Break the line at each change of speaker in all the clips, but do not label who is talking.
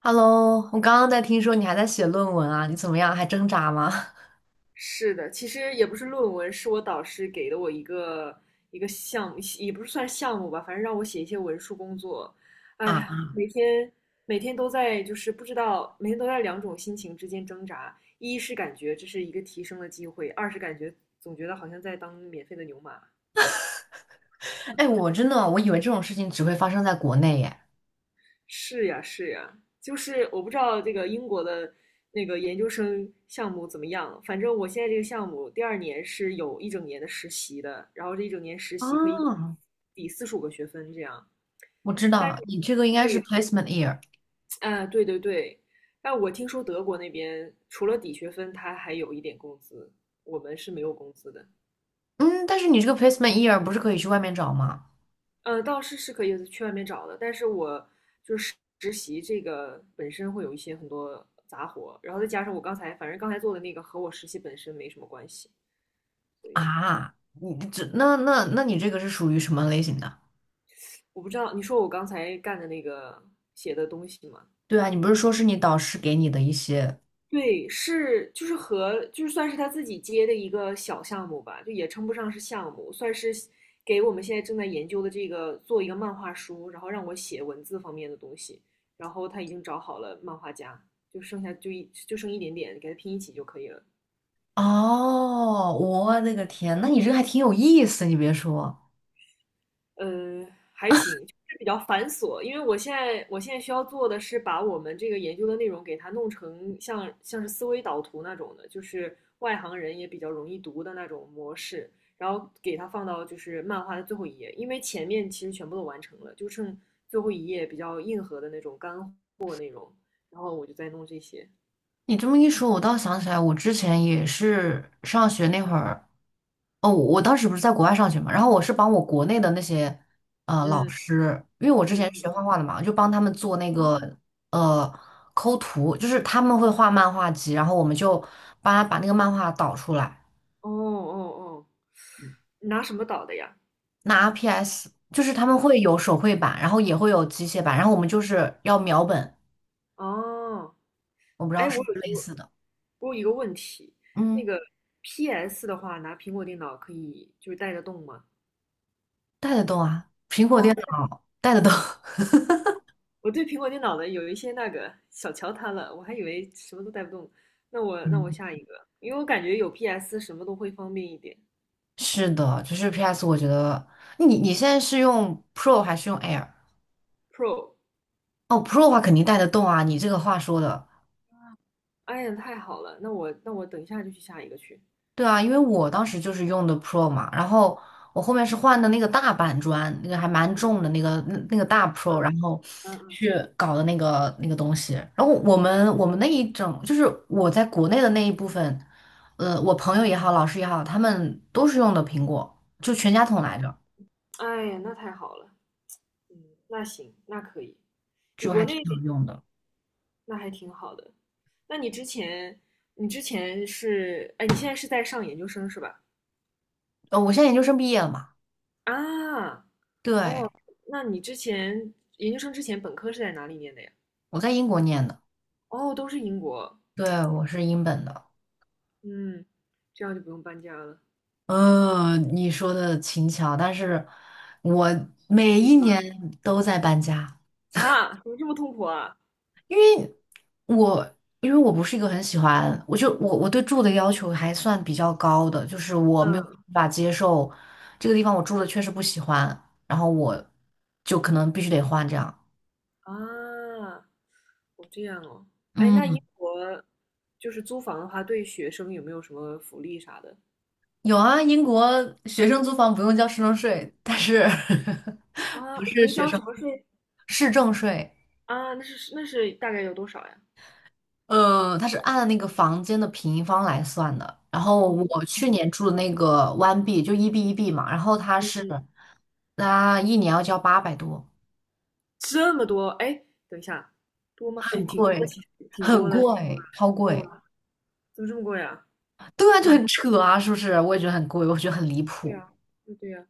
Hello,我刚刚在听说你还在写论文啊，你怎么样？还挣扎吗？
是的，其实也不是论文，是我导师给的我一个项目，也不是算项目吧，反正让我写一些文书工作。哎
啊，
呀，每天都在就是不知道，每天都在两种心情之间挣扎。一是感觉这是一个提升的机会，二是总觉得好像在当免费的牛马。
哎，我真的，我以为这种事情只会发生在国内耶。
是呀，是呀，就是我不知道这个英国的那个研究生项目怎么样，反正我现在这个项目第二年是有一整年的实习的，然后这一整年实习可以
啊，
抵45个学分这样。
我知
但是
道，你这个应该是
对，
placement year。
啊，对对对，但我听说德国那边除了抵学分，他还有一点工资，我们是没有工资的。
嗯，但是你这个 placement year 不是可以去外面找吗？
倒是可以去外面找的，但是我就是实习这个本身会有一些很多杂活，然后再加上我刚才反正刚才做的那个和我实习本身没什么关系，所以
啊，你这那你这个是属于什么类型的？
我不知道你说我刚才干的那个写的东西吗？
对啊，你不是说是你导师给你的一些？
对，是就是和就是算是他自己接的一个小项目吧，就也称不上是项目，算是给我们现在正在研究的这个做一个漫画书，然后让我写文字方面的东西，然后他已经找好了漫画家，就剩一点点，给他拼一起就可以了。
哦，我的个天，那你这个还挺有意思，你别说。
呃，还行，就是比较繁琐。因为我现在需要做的是把我们这个研究的内容给它弄成像是思维导图那种的，就是外行人也比较容易读的那种模式，然后给它放到就是漫画的最后一页，因为前面其实全部都完成了，就剩最后一页比较硬核的那种干货，然后我就在弄这些。
你这么一说，我倒想起来，我之前也是上学那会儿，哦，我当时不是在国外上学嘛，然后我是帮我国内的那些老
嗯
师，因为我之
嗯，
前是学
嗯
画画的嘛，就帮他们做那个呃抠图，就是他们会画漫画集，然后我们就帮他把那个漫画导出来，
哦哦哦哦，你拿什么导的呀？
拿 PS，就是他
啊
们会有手绘版，然后也会有机械版，然后我们就是要描本，
哦，
我不知道
哎，我
是不是类
有
似的。
问一个问题，那
嗯，
个 PS 的话，拿苹果电脑可以就是带得动吗？
带得动啊，苹果
啊、
电脑带得动。
我对苹果电脑的有一些那个小瞧它了，我还以为什么都带不动。那我
嗯，
下一个，因为我感觉有 PS 什么都会方便一点。
是的，就是 PS，我觉得你现在是用 Pro 还是用 Air？
Pro，
哦，Pro 的话肯定带得动啊，你这个话说的。
哎呀，太好了，那我等一下就去下一个去。
对啊，因为我当时就是用的 Pro 嘛，然后我后面是换的那个大板砖，那个还蛮重的那个大 Pro，然后
嗯嗯，
去搞的那个东西，然后我们那一整就是我在国内的那一部分，我朋友也好，老师也好，他们都是用的苹果，就全家桶来着，
哎呀，那太好了，嗯，那行，那可以。你
就
国
还挺
内
好用的。
那还挺好的。那你之前，你现在是在上研究生是吧？
我现在研究生毕业了嘛。
啊，哦，
对，
那你之前研究生之前本科是在哪里念的呀？
我在英国念的。
哦，都是英国。
对，我是英本的。
嗯，这样就不用搬家了。
你说的轻巧，但是我每
你
一
搬。
年都在搬家。
啊，怎么这么痛苦啊？
我因为我不是一个很喜欢，我就我我对住的要求还算比较高的，就是我没有办
嗯
法接受这个地方我住的确实不喜欢，然后我就可能必须得换这样。
啊，哦这样哦。哎，那
嗯，
英国就是租房的话，对学生有没有什么福利啥的？
有啊，英国学生租房不用交市政税，但是
啊，
不
不
是
用
学
交
生，
什么税
市政税。
啊？那是大概有多少呀？
它是按那个房间的平方来算的。然后
哦，
我去年住的那个 One B 就一 B 一 B 嘛，然后它是，它一年要交800多，
这么多？哎，等一下，多吗？哎，
很
挺多的，
贵，
其实挺
很
多的，挺多的。
贵，超贵。
哇，怎么这么贵啊？
对啊，就很扯啊，是不是？我也觉得很贵，我觉得很离
对
谱。
呀，对对呀，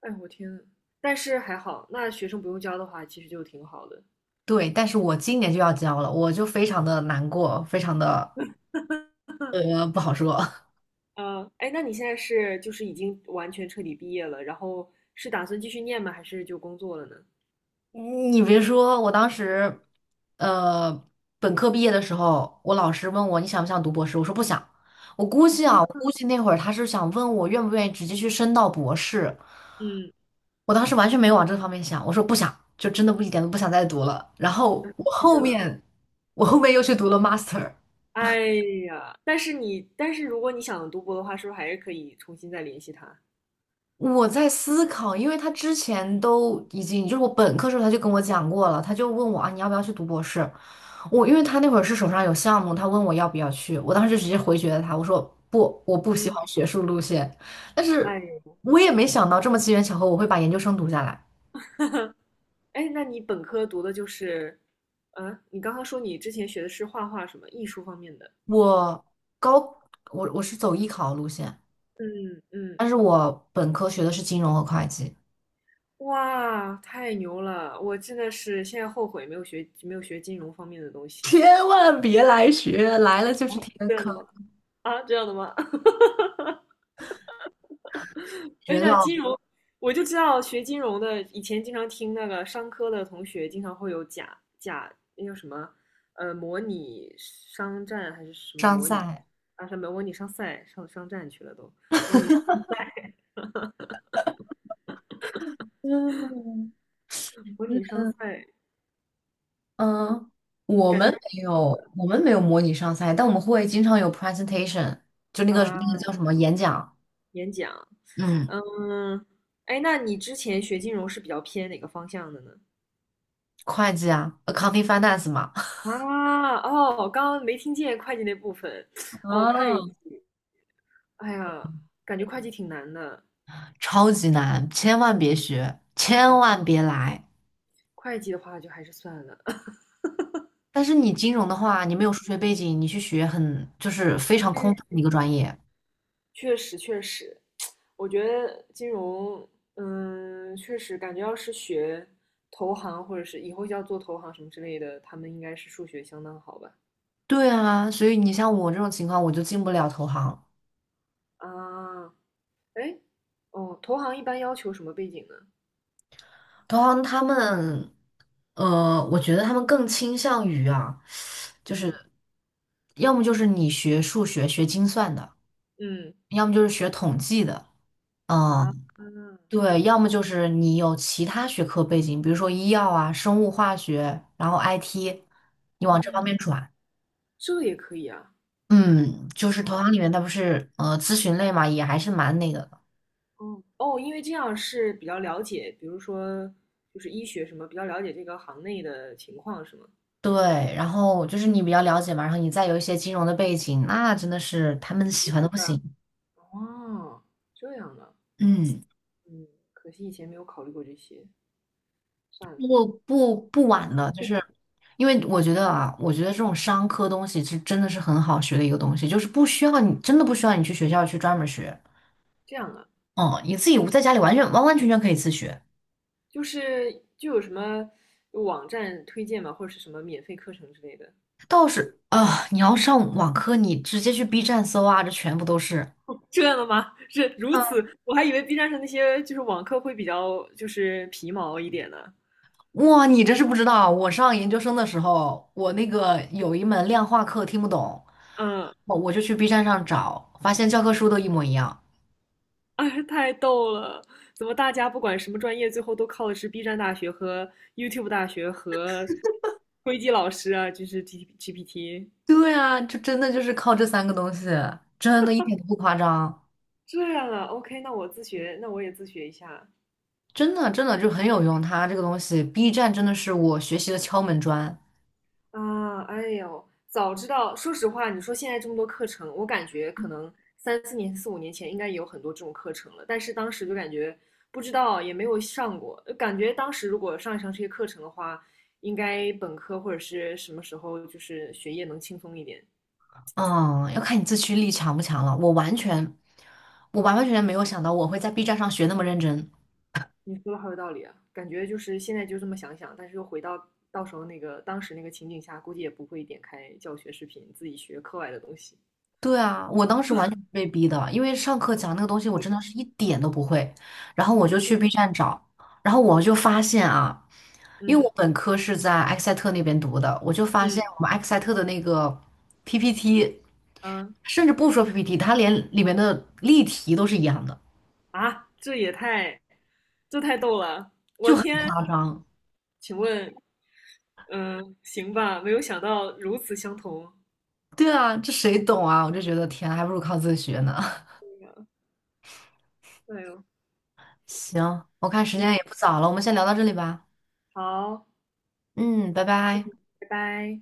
哎我天呐，但是还好，那学生不用交的话，其实就挺好的。
对，但是我今年就要交了，我就非常的难过，非常的不好说。
哎，那你现在是就是已经完全彻底毕业了，然后是打算继续念吗？还是就工作了呢？
你别说，我当时，呃，本科毕业的时候，我老师问我你想不想读博士，我说不想。我估计啊，我估计那会儿他是想问我愿不愿意直接去升到博士。
嗯，
我当时完全没往这方面想，我说不想，就真的不一点都不想再读了。然后
那
我
拒绝
后
了。
面，我后面又去读了 master。
哎呀，但是如果你想读博的话，是不是还是可以重新再联系他？
我在思考，因为他之前都已经，就是我本科时候他就跟我讲过了，他就问我啊，你要不要去读博士？我因为他那会儿是手上有项目，他问我要不要去，我当时就直接回绝了他，我说不，我不喜欢学术路线。但
哎
是
呦，
我也没想到这么机缘巧合，我会把研究生读下来。
哎，那你本科读的就是，啊，你刚刚说你之前学的是画画什么艺术方面的？
我高，我是走艺考路线，
嗯嗯。
但是我本科学的是金融和会计。
哇，太牛了！我真的是现在后悔没有学金融方面的东西。
千万别来学，来了就是填
这样的
坑，
吗？啊，这样的吗？哎，
学
那
到
金融，我就知道学金融的，以前经常听那个商科的同学经常会有假假那叫什么，模拟商战还是什么
伤
模拟
赛。
啊？什么模拟商赛上商战去了都，
嗯。
模拟商赛
嗯，我
感觉
们
还
没
挺好
有，
的
我们没有模拟上赛，但我们会经常有 presentation，就那个
啊，
那个叫什么演讲。
演讲，
嗯，
嗯，哎，那你之前学金融是比较偏哪个方向的呢？
会计啊，accounting finance 嘛。
啊，哦，刚刚没听见会计那部分，哦，会
啊，
计，哎呀，感觉会计挺难的，
超级难，千万别学，千
嗯，
万别来。
会计的话就还是算了。
但是你金融的话，你没有数学背景，你去学很就是非常空泛
嗯
的一个专业。
确实，确实，我觉得金融，嗯，确实感觉要是学投行或者是以后要做投行什么之类的，他们应该是数学相当好吧？
对啊，所以你像我这种情况，我就进不了投行。
啊，哎，哦，投行一般要求什么背景呢？
投行他们，我觉得他们更倾向于啊。就是
嗯
要么就是你学数学、学精算的，
嗯
要么就是学统计的。
啊，
嗯，对，要么就是你有其他学科背景，比如说医药啊、生物化学，然后 IT，你往这
哦，
方面转。
这也可以啊。
嗯，就是投行里面它不是咨询类嘛，也还是蛮那个的。
哦哦，因为这样是比较了解，比如说就是医学什么，比较了解这个行内的情况是吗？
对，然后就是你比较了解嘛，然后你再有一些金融的背景，那真的是他们喜欢的不
对啊，
行。
哦，这样啊，
嗯。
嗯，可惜以前没有考虑过这些，算了，
不不不晚的，就是因为我觉得啊，我觉得这种商科东西是真的是很好学的一个东西，就是不需要你真的不需要你去学校去专门学。
这样啊，
嗯，你自己在家里完全完完全全可以自学。
就是就有什么网站推荐吗，或者是什么免费课程之类的？
倒是啊，你要上网课，你直接去 B 站搜啊，这全部都是。
这样的吗？是如此，
嗯，
我还以为 B 站上那些就是网课会比较就是皮毛一点呢。
哇，你这是不知道，我上研究生的时候，我那个有一门量化课听不懂，
嗯
我就去 B 站上找，发现教科书都一模一样。
哎，太逗了！怎么大家不管什么专业，最后都靠的是 B 站大学和 YouTube 大学和灰机老师啊，就是 G GPT
对啊，就真的就是靠这三个东西，真的一点都不夸张，
这样啊？OK，那我自学，那我也自学一下
真的真的就很有用。它这个东西，B 站真的是我学习的敲门砖。
啊！哎呦，早知道，说实话，你说现在这么多课程，我感觉可能三四年、四五年前应该也有很多这种课程了，但是当时就感觉不知道，也没有上过，感觉当时如果上一上这些课程的话，应该本科或者是什么时候就是学业能轻松一点。
嗯，要看你自驱力强不强了。我完全，我完完全全没有想到我会在 B 站上学那么认真。
你说的好有道理啊，感觉就是现在就这么想想，但是又回到到时候那个当时那个情景下，估计也不会点开教学视频自己学课外的东西。
对啊，我当时完全是被逼的，因为上课讲那个东西我真的是一点都不会，然后我就去 B 站找，然后我就发现啊，因为我
嗯
本科是在埃克塞特那边读的，我就发现我
嗯
们埃克塞特的那个 PPT。
嗯
甚至不说 PPT，它连里面的例题都是一样的，
啊，这太逗了！
就
我
很
天，
夸张。
请问，嗯，行吧，没有想到如此相同。
对啊，这谁懂啊？我就觉得天啊，还不如靠自学呢。
哎呦，
行，我看时间
嗯，
也不早了，我们先聊到这里吧。
好，
嗯，拜拜。
拜拜。